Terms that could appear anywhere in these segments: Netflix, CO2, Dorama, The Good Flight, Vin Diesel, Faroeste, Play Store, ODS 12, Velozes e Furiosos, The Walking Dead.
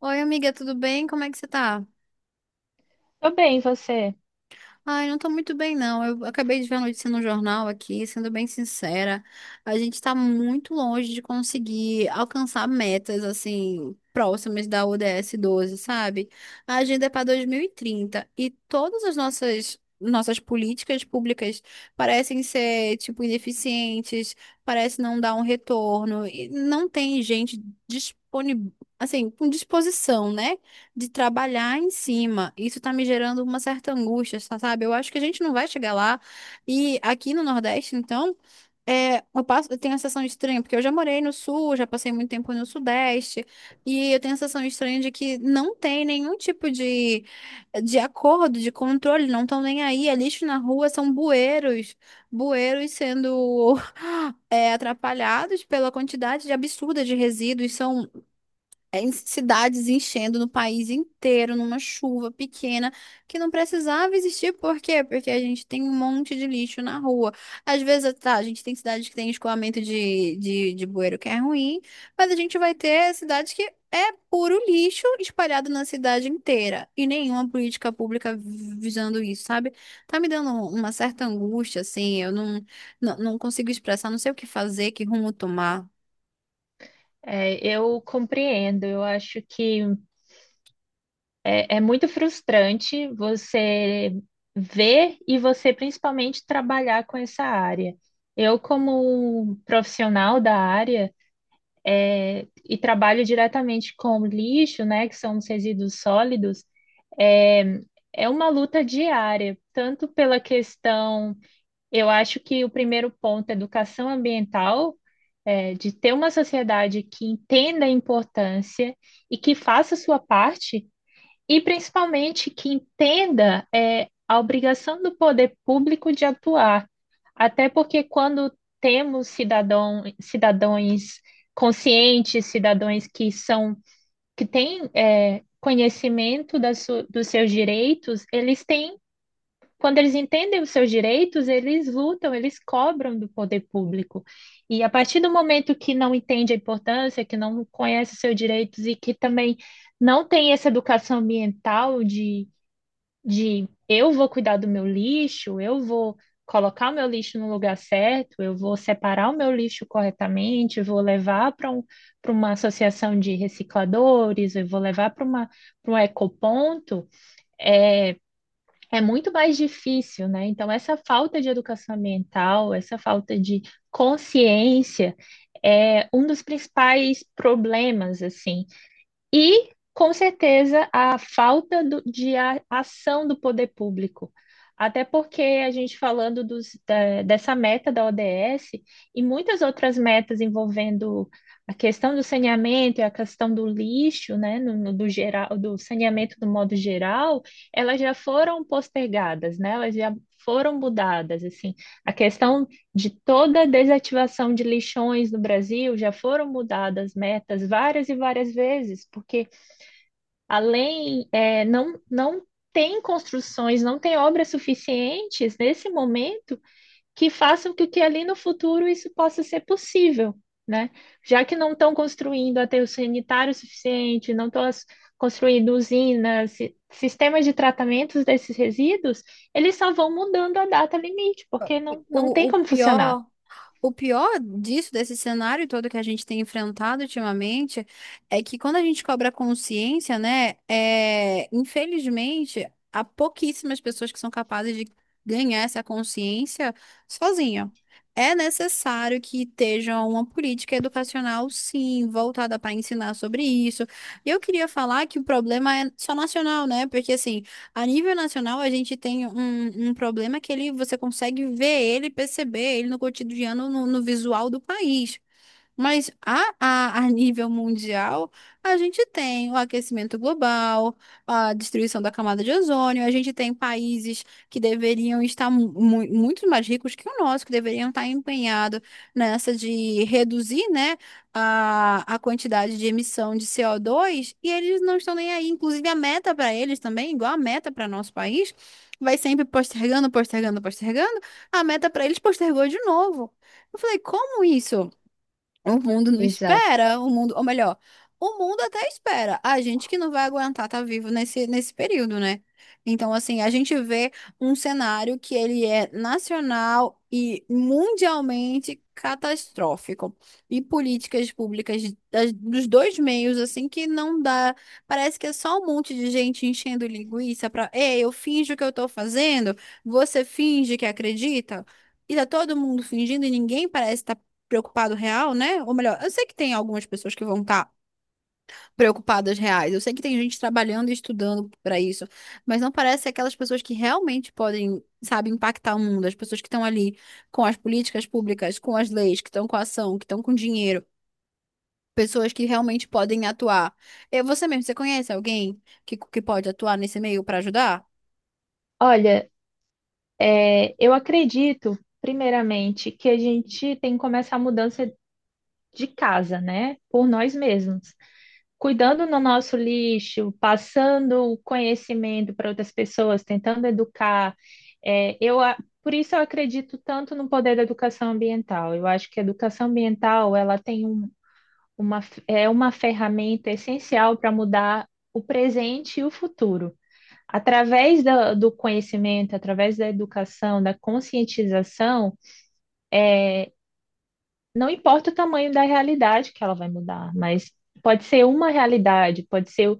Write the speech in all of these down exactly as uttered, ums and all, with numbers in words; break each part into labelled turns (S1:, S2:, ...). S1: Oi, amiga, tudo bem? Como é que você tá?
S2: Tô bem, você?
S1: Ai, não tô muito bem, não. Eu acabei de ver a notícia no jornal aqui, sendo bem sincera, a gente tá muito longe de conseguir alcançar metas, assim, próximas da O D S doze, sabe? A agenda é para dois mil e trinta e trinta e todas as nossas nossas políticas públicas parecem ser, tipo, ineficientes, parece não dar um retorno e não tem gente disponível, assim, com disposição, né? De trabalhar em cima. Isso tá me gerando uma certa angústia, sa- sabe? Eu acho que a gente não vai chegar lá. E aqui no Nordeste, então, é, eu passo, eu tenho a sensação estranha, porque eu já morei no Sul, já passei muito tempo no Sudeste, e eu tenho a sensação estranha de que não tem nenhum tipo de, de acordo, de controle, não estão nem aí. É lixo na rua, são bueiros, bueiros sendo é, atrapalhados pela quantidade de absurda de resíduos. São é, em cidades enchendo no país inteiro, numa chuva pequena, que não precisava existir. Por quê? Porque a gente tem um monte de lixo na rua. Às vezes, tá, a gente tem cidades que tem escoamento de, de, de bueiro que é ruim, mas a gente vai ter cidades que é puro lixo espalhado na cidade inteira. E nenhuma política pública visando isso, sabe? Tá me dando uma certa angústia, assim, eu não, não, não consigo expressar, não sei o que fazer, que rumo tomar.
S2: É, eu compreendo. Eu acho que é, é muito frustrante você ver e você principalmente trabalhar com essa área. Eu, como profissional da área é, e trabalho diretamente com lixo, né, que são os resíduos sólidos. é, É uma luta diária, tanto pela questão. Eu acho que o primeiro ponto é educação ambiental, é, de ter uma sociedade que entenda a importância e que faça a sua parte, e principalmente que entenda é, a obrigação do poder público de atuar. Até porque quando temos cidadão, cidadãos conscientes, cidadãos que são, que têm é, conhecimento das su- dos seus direitos, eles têm, quando eles entendem os seus direitos, eles lutam, eles cobram do poder público. E a partir do momento que não entende a importância, que não conhece os seus direitos e que também não tem essa educação ambiental de, de eu vou cuidar do meu lixo, eu vou colocar o meu lixo no lugar certo, eu vou separar o meu lixo corretamente, eu vou levar para um, para uma associação de recicladores, eu vou levar para uma para um ecoponto, é muito mais difícil, né? Então, essa falta de educação ambiental, essa falta de consciência é um dos principais problemas, assim. E, com certeza, a falta do- de a- ação do poder público. Até porque a gente falando dos- da- dessa meta da O D S e muitas outras metas envolvendo a questão do saneamento e a questão do lixo, né, no, no- do geral, do saneamento do modo geral, elas já foram postergadas, né, elas já foram mudadas, assim. A questão de toda a desativação de lixões no Brasil, já foram mudadas metas várias e várias vezes, porque além, é, não, não tem construções, não tem obras suficientes nesse momento que façam com que ali no futuro isso possa ser possível, né? Já que não estão construindo aterro sanitário suficiente, não estão construindo usinas, si, sistemas de tratamentos desses resíduos, eles só vão mudando a data limite, porque não, não tem
S1: O, o
S2: como funcionar.
S1: pior. O pior disso, desse cenário todo que a gente tem enfrentado ultimamente, é que quando a gente cobra consciência, né, é, infelizmente, há pouquíssimas pessoas que são capazes de ganhar essa consciência sozinha. É necessário que esteja uma política educacional, sim, voltada para ensinar sobre isso. E eu queria falar que o problema é só nacional, né? Porque assim. A nível nacional, a gente tem um, um problema que ele, você consegue ver ele, perceber ele no cotidiano, no, no visual do país. Mas a, a, a nível mundial, a gente tem o aquecimento global, a destruição da camada de ozônio, a gente tem países que deveriam estar mu mu- muito mais ricos que o nosso, que deveriam estar empenhados nessa de reduzir, né, a, a quantidade de emissão de C O dois, e eles não estão nem aí. Inclusive, a meta para eles também, igual a meta para nosso país, vai sempre postergando, postergando, postergando, a meta para eles postergou de novo. Eu falei, como isso? O mundo não
S2: Exato.
S1: espera, o mundo, ou melhor, o mundo até espera. A gente que não vai aguentar estar vivo nesse, nesse período, né? Então, assim, a gente vê um cenário que ele é nacional e mundialmente catastrófico. E políticas públicas de- das- dos dois meios, assim, que não dá. Parece que é só um monte de gente enchendo linguiça pra, ei, eu finjo que eu tô fazendo, você finge que acredita. E tá todo mundo fingindo e ninguém parece estar preocupado real, né? Ou melhor, eu sei que tem algumas pessoas que vão estar preocupadas reais. Eu sei que tem gente trabalhando e estudando para isso, mas não parece aquelas pessoas que realmente podem, sabe, impactar o mundo, as pessoas que estão ali com as políticas públicas, com as leis, que estão com a ação, que estão com dinheiro. Pessoas que realmente podem atuar. Eu, você mesmo, você conhece alguém que, que pode atuar nesse meio para ajudar?
S2: Olha, é, eu acredito, primeiramente, que a gente tem que começar a mudança de casa, né? Por nós mesmos. Cuidando no nosso lixo, passando o conhecimento para outras pessoas, tentando educar. É, eu, a- por isso eu acredito tanto no poder da educação ambiental. Eu acho que a educação ambiental, ela tem um, uma, f- é uma ferramenta essencial para mudar o presente e o futuro. Através da, do conhecimento, através da educação, da conscientização, não importa o tamanho da realidade que ela vai mudar, mas pode ser uma realidade, pode ser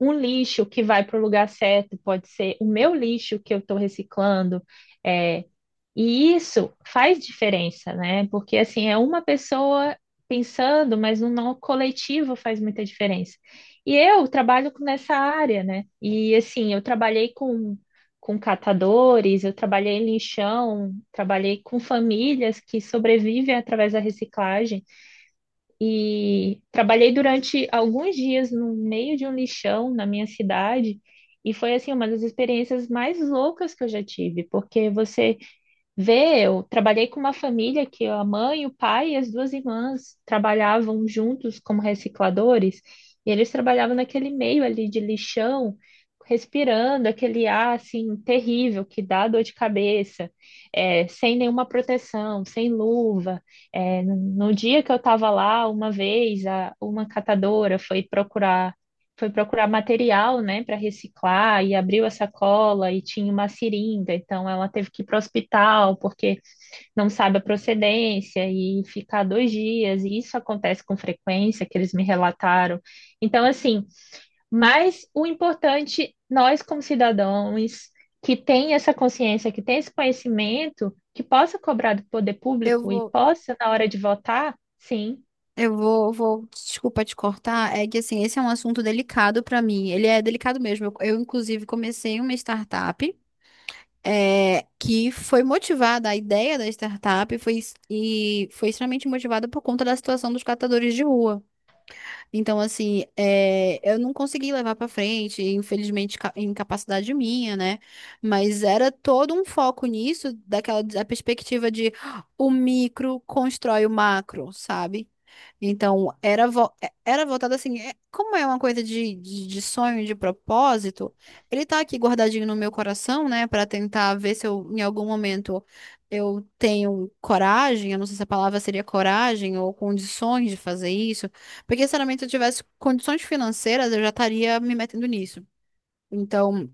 S2: um lixo que vai para o lugar certo, pode ser o meu lixo que eu estou reciclando. é, e isso faz diferença, né? Porque assim, é uma pessoa pensando, mas no nó coletivo faz muita diferença. E eu trabalho com- nessa área, né? E assim, eu trabalhei com, com catadores, eu trabalhei em lixão, trabalhei com famílias que sobrevivem através da reciclagem. E trabalhei durante alguns dias no meio de um lixão na minha cidade. E foi assim uma das experiências mais loucas que eu já tive, porque você vê, eu trabalhei com uma família que a mãe, o pai e as duas irmãs trabalhavam juntos como recicladores, e eles trabalhavam naquele meio ali de lixão, respirando aquele ar assim terrível que dá dor de cabeça, é, sem nenhuma proteção, sem luva. É, no no dia que eu estava lá, uma vez, a- uma catadora foi procurar foi procurar material, né, para reciclar e abriu a sacola e tinha uma seringa, então ela teve que ir para o hospital porque não sabe a procedência e ficar dois dias, e isso acontece com frequência, que eles me relataram. Então, assim, mas o importante, nós como cidadãos que tem essa consciência, que tem esse conhecimento, que possa cobrar do poder
S1: Eu
S2: público e
S1: vou.
S2: possa, na hora de votar, sim.
S1: Eu vou, vou, desculpa te cortar, é que assim, esse é um assunto delicado pra mim. Ele é delicado mesmo. Eu, eu, inclusive, comecei uma startup é, que foi motivada, a ideia da startup foi, es- e foi extremamente motivada por conta da situação dos catadores de rua. Então, assim, é, eu não consegui levar pra frente, infelizmente, ca- incapacidade minha, né? Mas era todo um foco nisso, daquela da perspectiva de "Ah, o micro constrói o macro, sabe? Então, era, vo- é- era voltado assim, é- como é uma coisa de, de, de sonho, de propósito, ele tá aqui guardadinho no meu coração, né, pra tentar ver se eu, em algum momento, eu tenho coragem, eu não sei se a palavra seria coragem ou condições de fazer isso. Porque, sinceramente, se realmente eu tivesse condições financeiras, eu já estaria me metendo nisso. Então,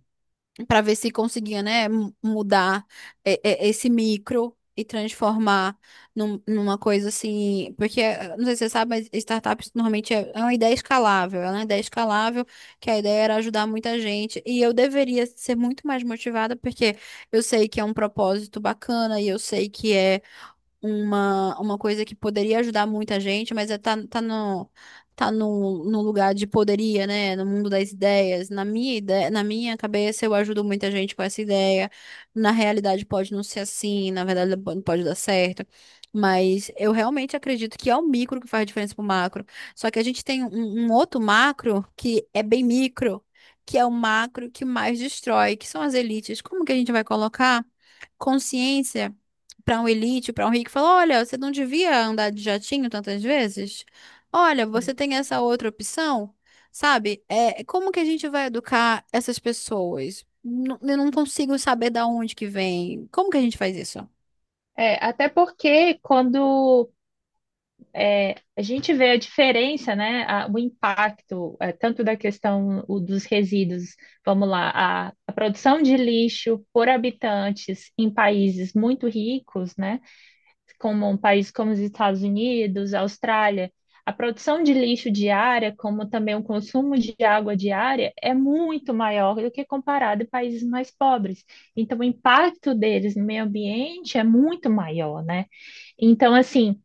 S1: para ver se conseguia, né, m- mudar é, é, esse micro e transformar num- numa coisa assim. Porque, eh, não sei se você sabe, mas startups normalmente é, é uma ideia escalável. É uma ideia escalável, que a ideia era ajudar muita gente. E eu deveria ser muito mais motivada, porque eu sei que é um propósito bacana e eu sei que é uma, uma coisa que poderia ajudar muita gente, mas é, tá, tá no, tá no, no lugar de poderia, né? No mundo das ideias. Na minha ideia, na minha cabeça, eu ajudo muita gente com essa ideia. Na realidade, pode não ser assim, na verdade, não pode dar certo. Mas eu realmente acredito que é o micro que faz diferença pro macro. Só que a gente tem um, um outro macro que é bem micro, que é o macro que mais destrói, que são as elites. Como que a gente vai colocar consciência? Para um elite, para um rico, falou: olha, você não devia andar de jatinho tantas vezes? Olha, você tem essa outra opção, sabe? É, como que a gente vai educar essas pessoas? N- Eu não consigo saber da onde que vem. Como que a gente faz isso?
S2: É, até porque quando a gente vê a diferença, né? A- o impacto, eh, tanto da questão o dos resíduos, vamos lá, a, a produção de lixo por habitantes em países muito ricos, né? Como um país como os Estados Unidos, Austrália, a produção de lixo diária, como também o consumo de água diária, é muito maior do que comparado a países mais pobres. Então, o impacto deles no meio ambiente é muito maior, né? Então, assim.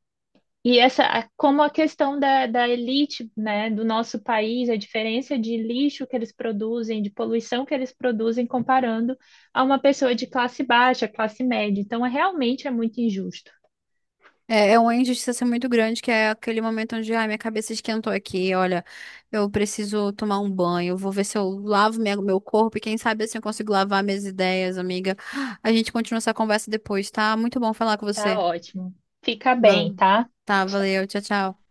S2: E essa, a- como a questão da, da elite, né, do nosso país, a diferença de lixo que eles produzem, de poluição que eles produzem, comparando a uma pessoa de classe baixa, classe média. Então, é, realmente é muito injusto.
S1: É, é uma injustiça assim, muito grande, que é aquele momento onde, ai, minha cabeça esquentou aqui, olha, eu preciso tomar um banho, eu vou ver se eu lavo minha- meu corpo e quem sabe assim eu consigo lavar minhas ideias, amiga. A gente continua essa conversa depois, tá? Muito bom falar com
S2: Tá
S1: você.
S2: ótimo. Fica bem,
S1: Valeu.
S2: tá?
S1: Tá, valeu. Tchau, tchau.